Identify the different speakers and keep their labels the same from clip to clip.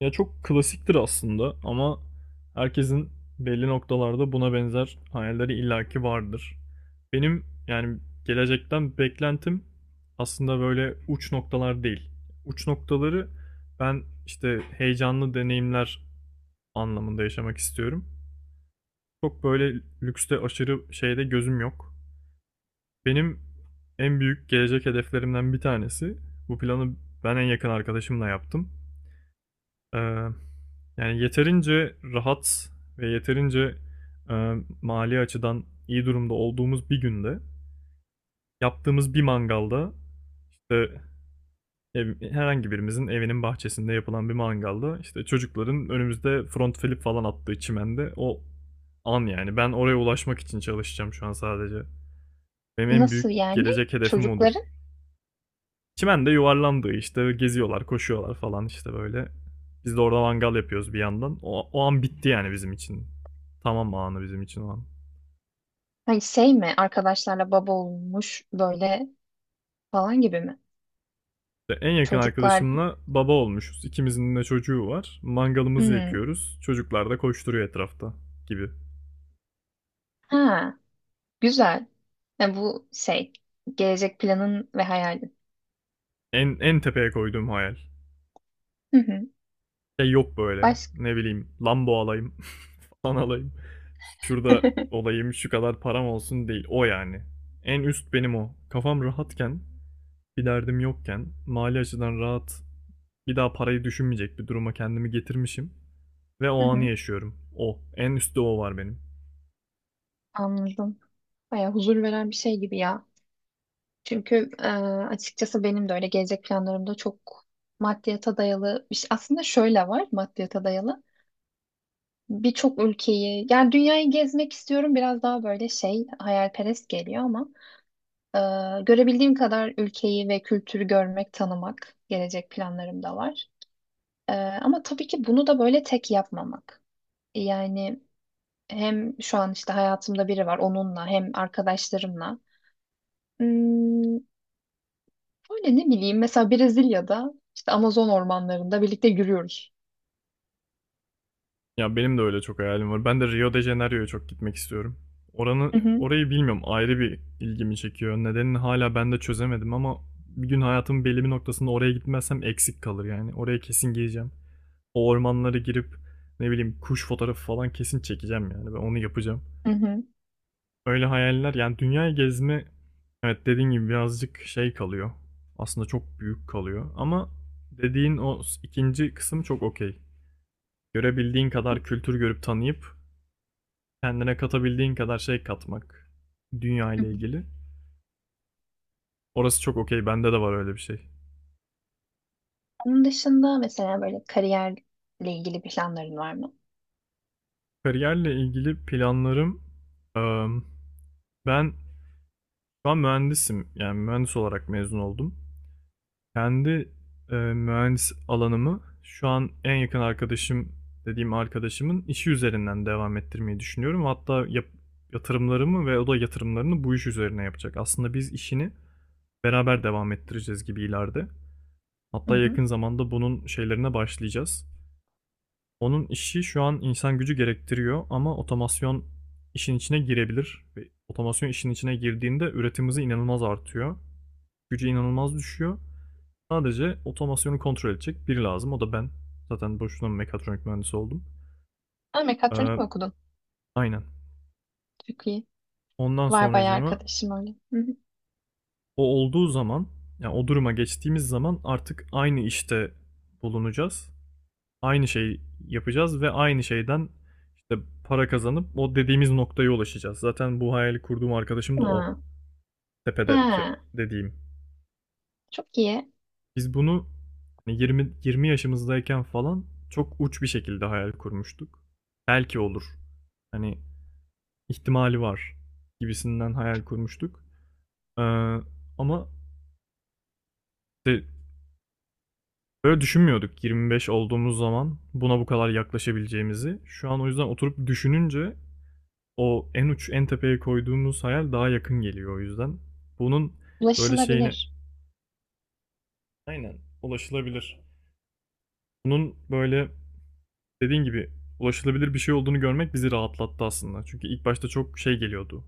Speaker 1: Ya çok klasiktir aslında ama herkesin belli noktalarda buna benzer hayalleri illaki vardır. Benim yani gelecekten beklentim aslında böyle uç noktalar değil. Uç noktaları ben işte heyecanlı deneyimler anlamında yaşamak istiyorum. Çok böyle lükste aşırı şeyde gözüm yok. Benim en büyük gelecek hedeflerimden bir tanesi. Bu planı ben en yakın arkadaşımla yaptım. Ee, Yani yeterince rahat ve yeterince e, mali açıdan iyi durumda olduğumuz bir günde yaptığımız bir mangalda işte herhangi birimizin evinin bahçesinde yapılan bir mangalda işte çocukların önümüzde front flip falan attığı çimende o an, yani ben oraya ulaşmak için çalışacağım şu an sadece. Benim en büyük
Speaker 2: Nasıl yani?
Speaker 1: gelecek hedefim odur.
Speaker 2: Çocukların
Speaker 1: Çimende yuvarlandı işte, geziyorlar, koşuyorlar falan işte böyle. Biz de orada mangal yapıyoruz bir yandan. O an bitti yani bizim için. Tamam, anı bizim için o an.
Speaker 2: hani şey mi, arkadaşlarla baba olmuş böyle falan gibi mi?
Speaker 1: İşte en yakın
Speaker 2: Çocuklar
Speaker 1: arkadaşımla baba olmuşuz. İkimizin de çocuğu var. Mangalımızı
Speaker 2: Hmm.
Speaker 1: yakıyoruz. Çocuklar da koşturuyor etrafta gibi.
Speaker 2: Ha, güzel. Yani bu şey, gelecek planın ve hayalin.
Speaker 1: En tepeye koyduğum hayal.
Speaker 2: Hı hı.
Speaker 1: Şey yok böyle.
Speaker 2: Baş...
Speaker 1: Ne bileyim, Lambo alayım falan alayım. Şurada olayım, şu kadar param olsun değil. O yani. En üst benim o. Kafam rahatken, bir derdim yokken, mali açıdan rahat, bir daha parayı düşünmeyecek bir duruma kendimi getirmişim ve o
Speaker 2: Hı
Speaker 1: anı
Speaker 2: hı.
Speaker 1: yaşıyorum. O. En üstte o var benim.
Speaker 2: Anladım. Baya huzur veren bir şey gibi ya. Çünkü açıkçası benim de öyle, gelecek planlarımda çok maddiyata dayalı bir şey. Aslında şöyle var maddiyata dayalı. Birçok ülkeyi, yani dünyayı gezmek istiyorum, biraz daha böyle şey hayalperest geliyor ama Ee, görebildiğim kadar ülkeyi ve kültürü görmek, tanımak gelecek planlarım da var. Ama tabii ki bunu da böyle tek yapmamak. Yani hem şu an işte hayatımda biri var, onunla hem arkadaşlarımla. Hmm, böyle ne bileyim, mesela Brezilya'da işte Amazon ormanlarında birlikte yürüyoruz.
Speaker 1: Ya benim de öyle çok hayalim var. Ben de Rio de Janeiro'ya çok gitmek istiyorum.
Speaker 2: Hı hı,
Speaker 1: Orayı bilmiyorum, ayrı bir ilgimi çekiyor. Nedenini hala ben de çözemedim ama bir gün hayatımın belli bir noktasında oraya gitmezsem eksik kalır yani. Oraya kesin gireceğim. O ormanlara girip ne bileyim kuş fotoğrafı falan kesin çekeceğim yani. Ben onu yapacağım.
Speaker 2: hı hı.
Speaker 1: Öyle hayaller yani, dünya gezme, evet, dediğin gibi birazcık şey kalıyor. Aslında çok büyük kalıyor ama dediğin o ikinci kısım çok okey. Görebildiğin kadar kültür görüp tanıyıp, kendine katabildiğin kadar şey katmak, dünya
Speaker 2: Hı hı.
Speaker 1: ile ilgili. Orası çok okey. Bende de var öyle bir şey.
Speaker 2: Onun dışında mesela böyle kariyerle ilgili planların var mı?
Speaker 1: Kariyerle ilgili planlarım, eee, ben şu an mühendisim. Yani mühendis olarak mezun oldum. Kendi mühendis alanımı şu an en yakın arkadaşım dediğim arkadaşımın işi üzerinden devam ettirmeyi düşünüyorum. Hatta yatırımlarımı ve o da yatırımlarını bu iş üzerine yapacak. Aslında biz işini beraber devam ettireceğiz gibi ileride.
Speaker 2: Hı
Speaker 1: Hatta
Speaker 2: hı.
Speaker 1: yakın zamanda bunun şeylerine başlayacağız. Onun işi şu an insan gücü gerektiriyor ama otomasyon işin içine girebilir. Ve otomasyon işin içine girdiğinde üretim hızı inanılmaz artıyor. Gücü inanılmaz düşüyor. Sadece otomasyonu kontrol edecek biri lazım. O da ben. Zaten boşuna mekatronik mühendisi oldum.
Speaker 2: Ha, mekatronik
Speaker 1: Ee,
Speaker 2: mi okudun?
Speaker 1: aynen.
Speaker 2: Çok iyi.
Speaker 1: Ondan
Speaker 2: Var bayağı
Speaker 1: sonracığıma
Speaker 2: arkadaşım öyle. Hı hı.
Speaker 1: o olduğu zaman, yani o duruma geçtiğimiz zaman artık aynı işte bulunacağız. Aynı şeyi yapacağız ve aynı şeyden işte para kazanıp o dediğimiz noktaya ulaşacağız. Zaten bu hayali kurduğum arkadaşım da o.
Speaker 2: Ha.
Speaker 1: Tepedeki
Speaker 2: Ha,
Speaker 1: dediğim.
Speaker 2: çok iyi.
Speaker 1: Biz bunu hani 20 20 yaşımızdayken falan çok uç bir şekilde hayal kurmuştuk. Belki olur. Hani ihtimali var gibisinden hayal kurmuştuk. Ee, ama işte böyle düşünmüyorduk 25 olduğumuz zaman buna bu kadar yaklaşabileceğimizi. Şu an o yüzden oturup düşününce o en uç en tepeye koyduğumuz hayal daha yakın geliyor o yüzden. Bunun böyle şeyine,
Speaker 2: Ulaşılabilir.
Speaker 1: aynen, ulaşılabilir. Bunun böyle dediğin gibi ulaşılabilir bir şey olduğunu görmek bizi rahatlattı aslında. Çünkü ilk başta çok şey geliyordu.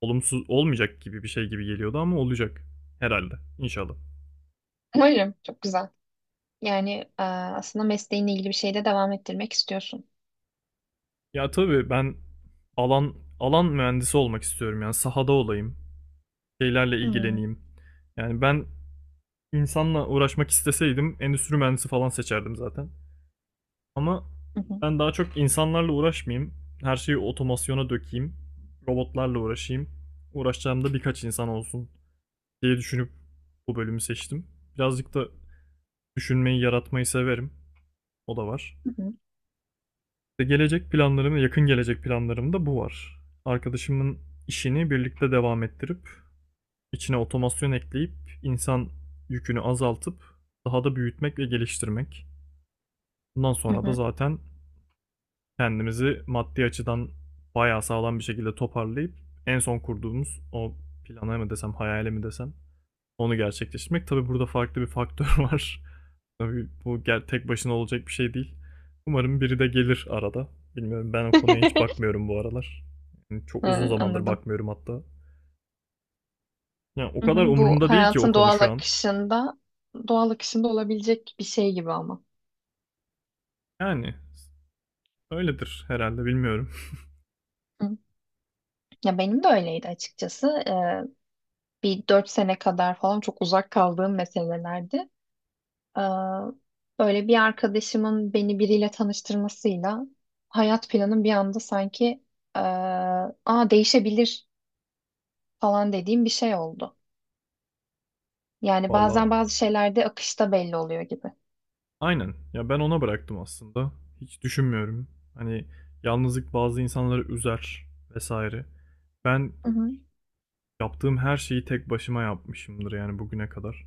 Speaker 1: Olumsuz olmayacak gibi bir şey gibi geliyordu ama olacak herhalde inşallah.
Speaker 2: Umarım. Çok güzel. Yani aslında mesleğinle ilgili bir şeyde devam ettirmek istiyorsun.
Speaker 1: Ya tabii ben alan alan mühendisi olmak istiyorum, yani sahada olayım, şeylerle
Speaker 2: Hmm.
Speaker 1: ilgileneyim. Yani ben insanla uğraşmak isteseydim endüstri mühendisi falan seçerdim zaten. Ama
Speaker 2: Hı hı.
Speaker 1: ben daha çok insanlarla uğraşmayayım, her şeyi otomasyona dökeyim, robotlarla uğraşayım, uğraşacağım da birkaç insan olsun diye düşünüp bu bölümü seçtim. Birazcık da düşünmeyi, yaratmayı severim. O da var.
Speaker 2: Hı hı.
Speaker 1: İşte gelecek planlarım, yakın gelecek planlarımda bu var. Arkadaşımın işini birlikte devam ettirip, içine otomasyon ekleyip, insan yükünü azaltıp, daha da büyütmek ve geliştirmek. Bundan
Speaker 2: Hı
Speaker 1: sonra da
Speaker 2: hı.
Speaker 1: zaten kendimizi maddi açıdan bayağı sağlam bir şekilde toparlayıp, en son kurduğumuz o plana mı desem, hayale mi desem, onu gerçekleştirmek. Tabii burada farklı bir faktör var. Tabii bu tek başına olacak bir şey değil. Umarım biri de gelir arada. Bilmiyorum, ben o konuya hiç bakmıyorum bu aralar. Yani çok uzun
Speaker 2: Ha,
Speaker 1: zamandır
Speaker 2: anladım.
Speaker 1: bakmıyorum hatta. Yani o
Speaker 2: Hı
Speaker 1: kadar
Speaker 2: hı. Bu
Speaker 1: umurumda değil ki o
Speaker 2: hayatın
Speaker 1: konu
Speaker 2: doğal
Speaker 1: şu an.
Speaker 2: akışında, doğal akışında olabilecek bir şey gibi ama.
Speaker 1: Yani öyledir herhalde, bilmiyorum.
Speaker 2: Hı. Ya benim de öyleydi açıkçası. Bir dört sene kadar falan çok uzak kaldığım meselelerdi. Ee, böyle bir arkadaşımın beni biriyle tanıştırmasıyla hayat planım bir anda sanki aa değişebilir falan dediğim bir şey oldu. Yani
Speaker 1: Valla
Speaker 2: bazen bazı şeylerde akışta belli oluyor gibi.
Speaker 1: aynen. Ya ben ona bıraktım aslında. Hiç düşünmüyorum. Hani yalnızlık bazı insanları üzer vesaire. Ben
Speaker 2: Hı hı.
Speaker 1: yaptığım her şeyi tek başıma yapmışımdır yani bugüne kadar.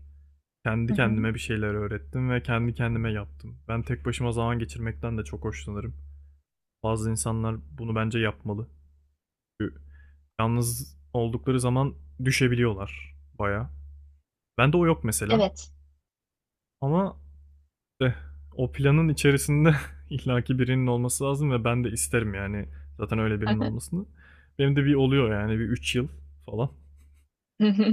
Speaker 2: Hı
Speaker 1: Kendi
Speaker 2: hı.
Speaker 1: kendime bir şeyler öğrettim ve kendi kendime yaptım. Ben tek başıma zaman geçirmekten de çok hoşlanırım. Bazı insanlar bunu bence yapmalı. Çünkü yalnız oldukları zaman düşebiliyorlar baya. Bende o yok mesela.
Speaker 2: Evet.
Speaker 1: Ama işte o planın içerisinde illaki birinin olması lazım ve ben de isterim yani, zaten öyle birinin olmasını. Benim de bir oluyor yani, bir 3 yıl falan.
Speaker 2: Hı hı.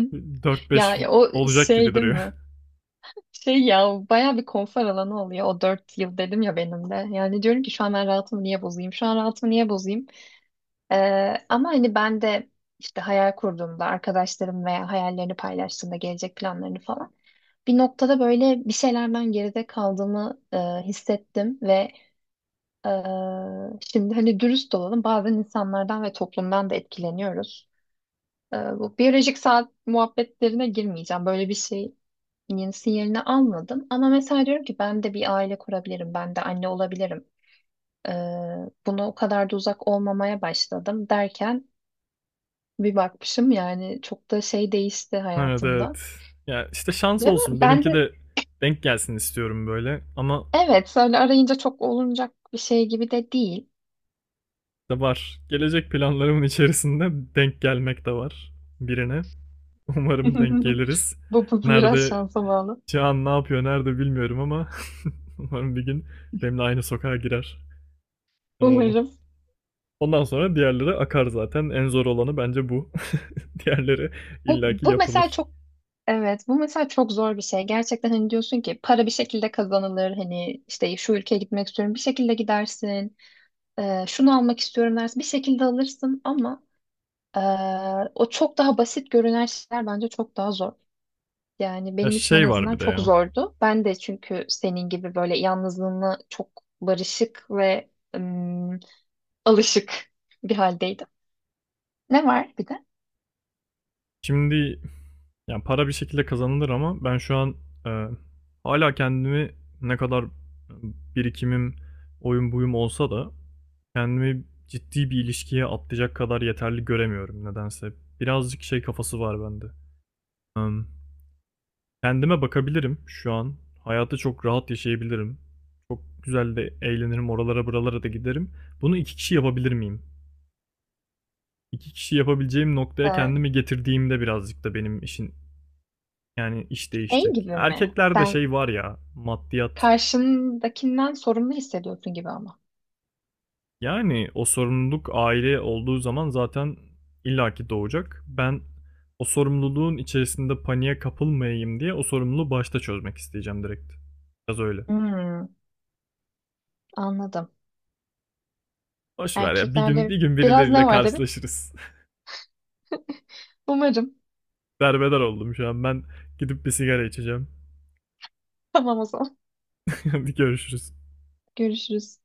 Speaker 1: Dört
Speaker 2: Ya
Speaker 1: beş
Speaker 2: ya, o
Speaker 1: olacak gibi
Speaker 2: şey değil mi?
Speaker 1: duruyor.
Speaker 2: Şey ya, baya bir konfor alanı oluyor o dört yıl, dedim ya benim de. Yani diyorum ki, şu an ben rahatımı niye bozayım? Şu an rahatımı niye bozayım? Ama hani ben de işte hayal kurduğumda arkadaşlarım veya hayallerini paylaştığımda, gelecek planlarını falan bir noktada böyle bir şeylerden geride kaldığımı hissettim ve e, şimdi hani dürüst olalım, bazen insanlardan ve toplumdan da etkileniyoruz. Bu biyolojik saat muhabbetlerine girmeyeceğim. Böyle bir şeyin sinyalini almadım ama mesela diyorum ki ben de bir aile kurabilirim, ben de anne olabilirim. E, buna o kadar da uzak olmamaya başladım derken bir bakmışım, yani çok da şey değişti
Speaker 1: Evet,
Speaker 2: hayatımda.
Speaker 1: evet. Ya işte şans
Speaker 2: Ve ben
Speaker 1: olsun.
Speaker 2: ben
Speaker 1: Benimki
Speaker 2: de,
Speaker 1: de denk gelsin istiyorum böyle. Ama
Speaker 2: evet, öyle arayınca çok olunacak bir şey gibi de değil.
Speaker 1: da var. Gelecek planlarımın içerisinde denk gelmek de var, birine. Umarım denk geliriz.
Speaker 2: Bu biraz
Speaker 1: Nerede
Speaker 2: şansa bağlı.
Speaker 1: şu an, ne yapıyor, nerede bilmiyorum ama umarım bir gün benimle aynı sokağa girer. Ee,
Speaker 2: Umarım.
Speaker 1: ondan sonra diğerleri akar zaten. En zor olanı bence bu. Diğerleri
Speaker 2: Bu,
Speaker 1: illaki
Speaker 2: bu mesela
Speaker 1: yapılır.
Speaker 2: çok, evet, bu mesela çok zor bir şey. Gerçekten hani diyorsun ki, para bir şekilde kazanılır. Hani işte şu ülkeye gitmek istiyorum, bir şekilde gidersin. Şunu almak istiyorum dersin, bir şekilde alırsın ama ee, o çok daha basit görünen şeyler bence çok daha zor. Yani
Speaker 1: Ya
Speaker 2: benim için en
Speaker 1: şey var
Speaker 2: azından
Speaker 1: bir de
Speaker 2: çok
Speaker 1: ya.
Speaker 2: zordu. Ben de çünkü senin gibi böyle yalnızlığına çok barışık ve ım, alışık bir haldeydim. Ne var bir de?
Speaker 1: Şimdi, yani para bir şekilde kazanılır ama ben şu an, e, hala kendimi, ne kadar birikimim, oyun buyum olsa da, kendimi ciddi bir ilişkiye atlayacak kadar yeterli göremiyorum nedense. Birazcık şey kafası var bende. Em, kendime bakabilirim şu an. Hayatı çok rahat yaşayabilirim. Çok güzel de eğlenirim, oralara buralara da giderim. Bunu iki kişi yapabilir miyim? İki kişi yapabileceğim noktaya
Speaker 2: Ee,
Speaker 1: kendimi getirdiğimde birazcık da benim işin, yani iş
Speaker 2: şey
Speaker 1: değişecek.
Speaker 2: gibi mi?
Speaker 1: Erkeklerde
Speaker 2: Sen
Speaker 1: şey var ya, maddiyat.
Speaker 2: karşındakinden sorumlu hissediyorsun gibi ama.
Speaker 1: Yani o sorumluluk aile olduğu zaman zaten illaki doğacak. Ben o sorumluluğun içerisinde paniğe kapılmayayım diye o sorumluluğu başta çözmek isteyeceğim direkt. Biraz öyle.
Speaker 2: Hmm, anladım.
Speaker 1: Boş ver ya, bir gün bir
Speaker 2: Erkeklerde
Speaker 1: gün
Speaker 2: biraz
Speaker 1: birileriyle
Speaker 2: ne var dedin?
Speaker 1: karşılaşırız.
Speaker 2: Umarım.
Speaker 1: Derbeder oldum şu an. Ben gidip bir sigara içeceğim.
Speaker 2: Tamam, o zaman.
Speaker 1: Hadi görüşürüz.
Speaker 2: Görüşürüz.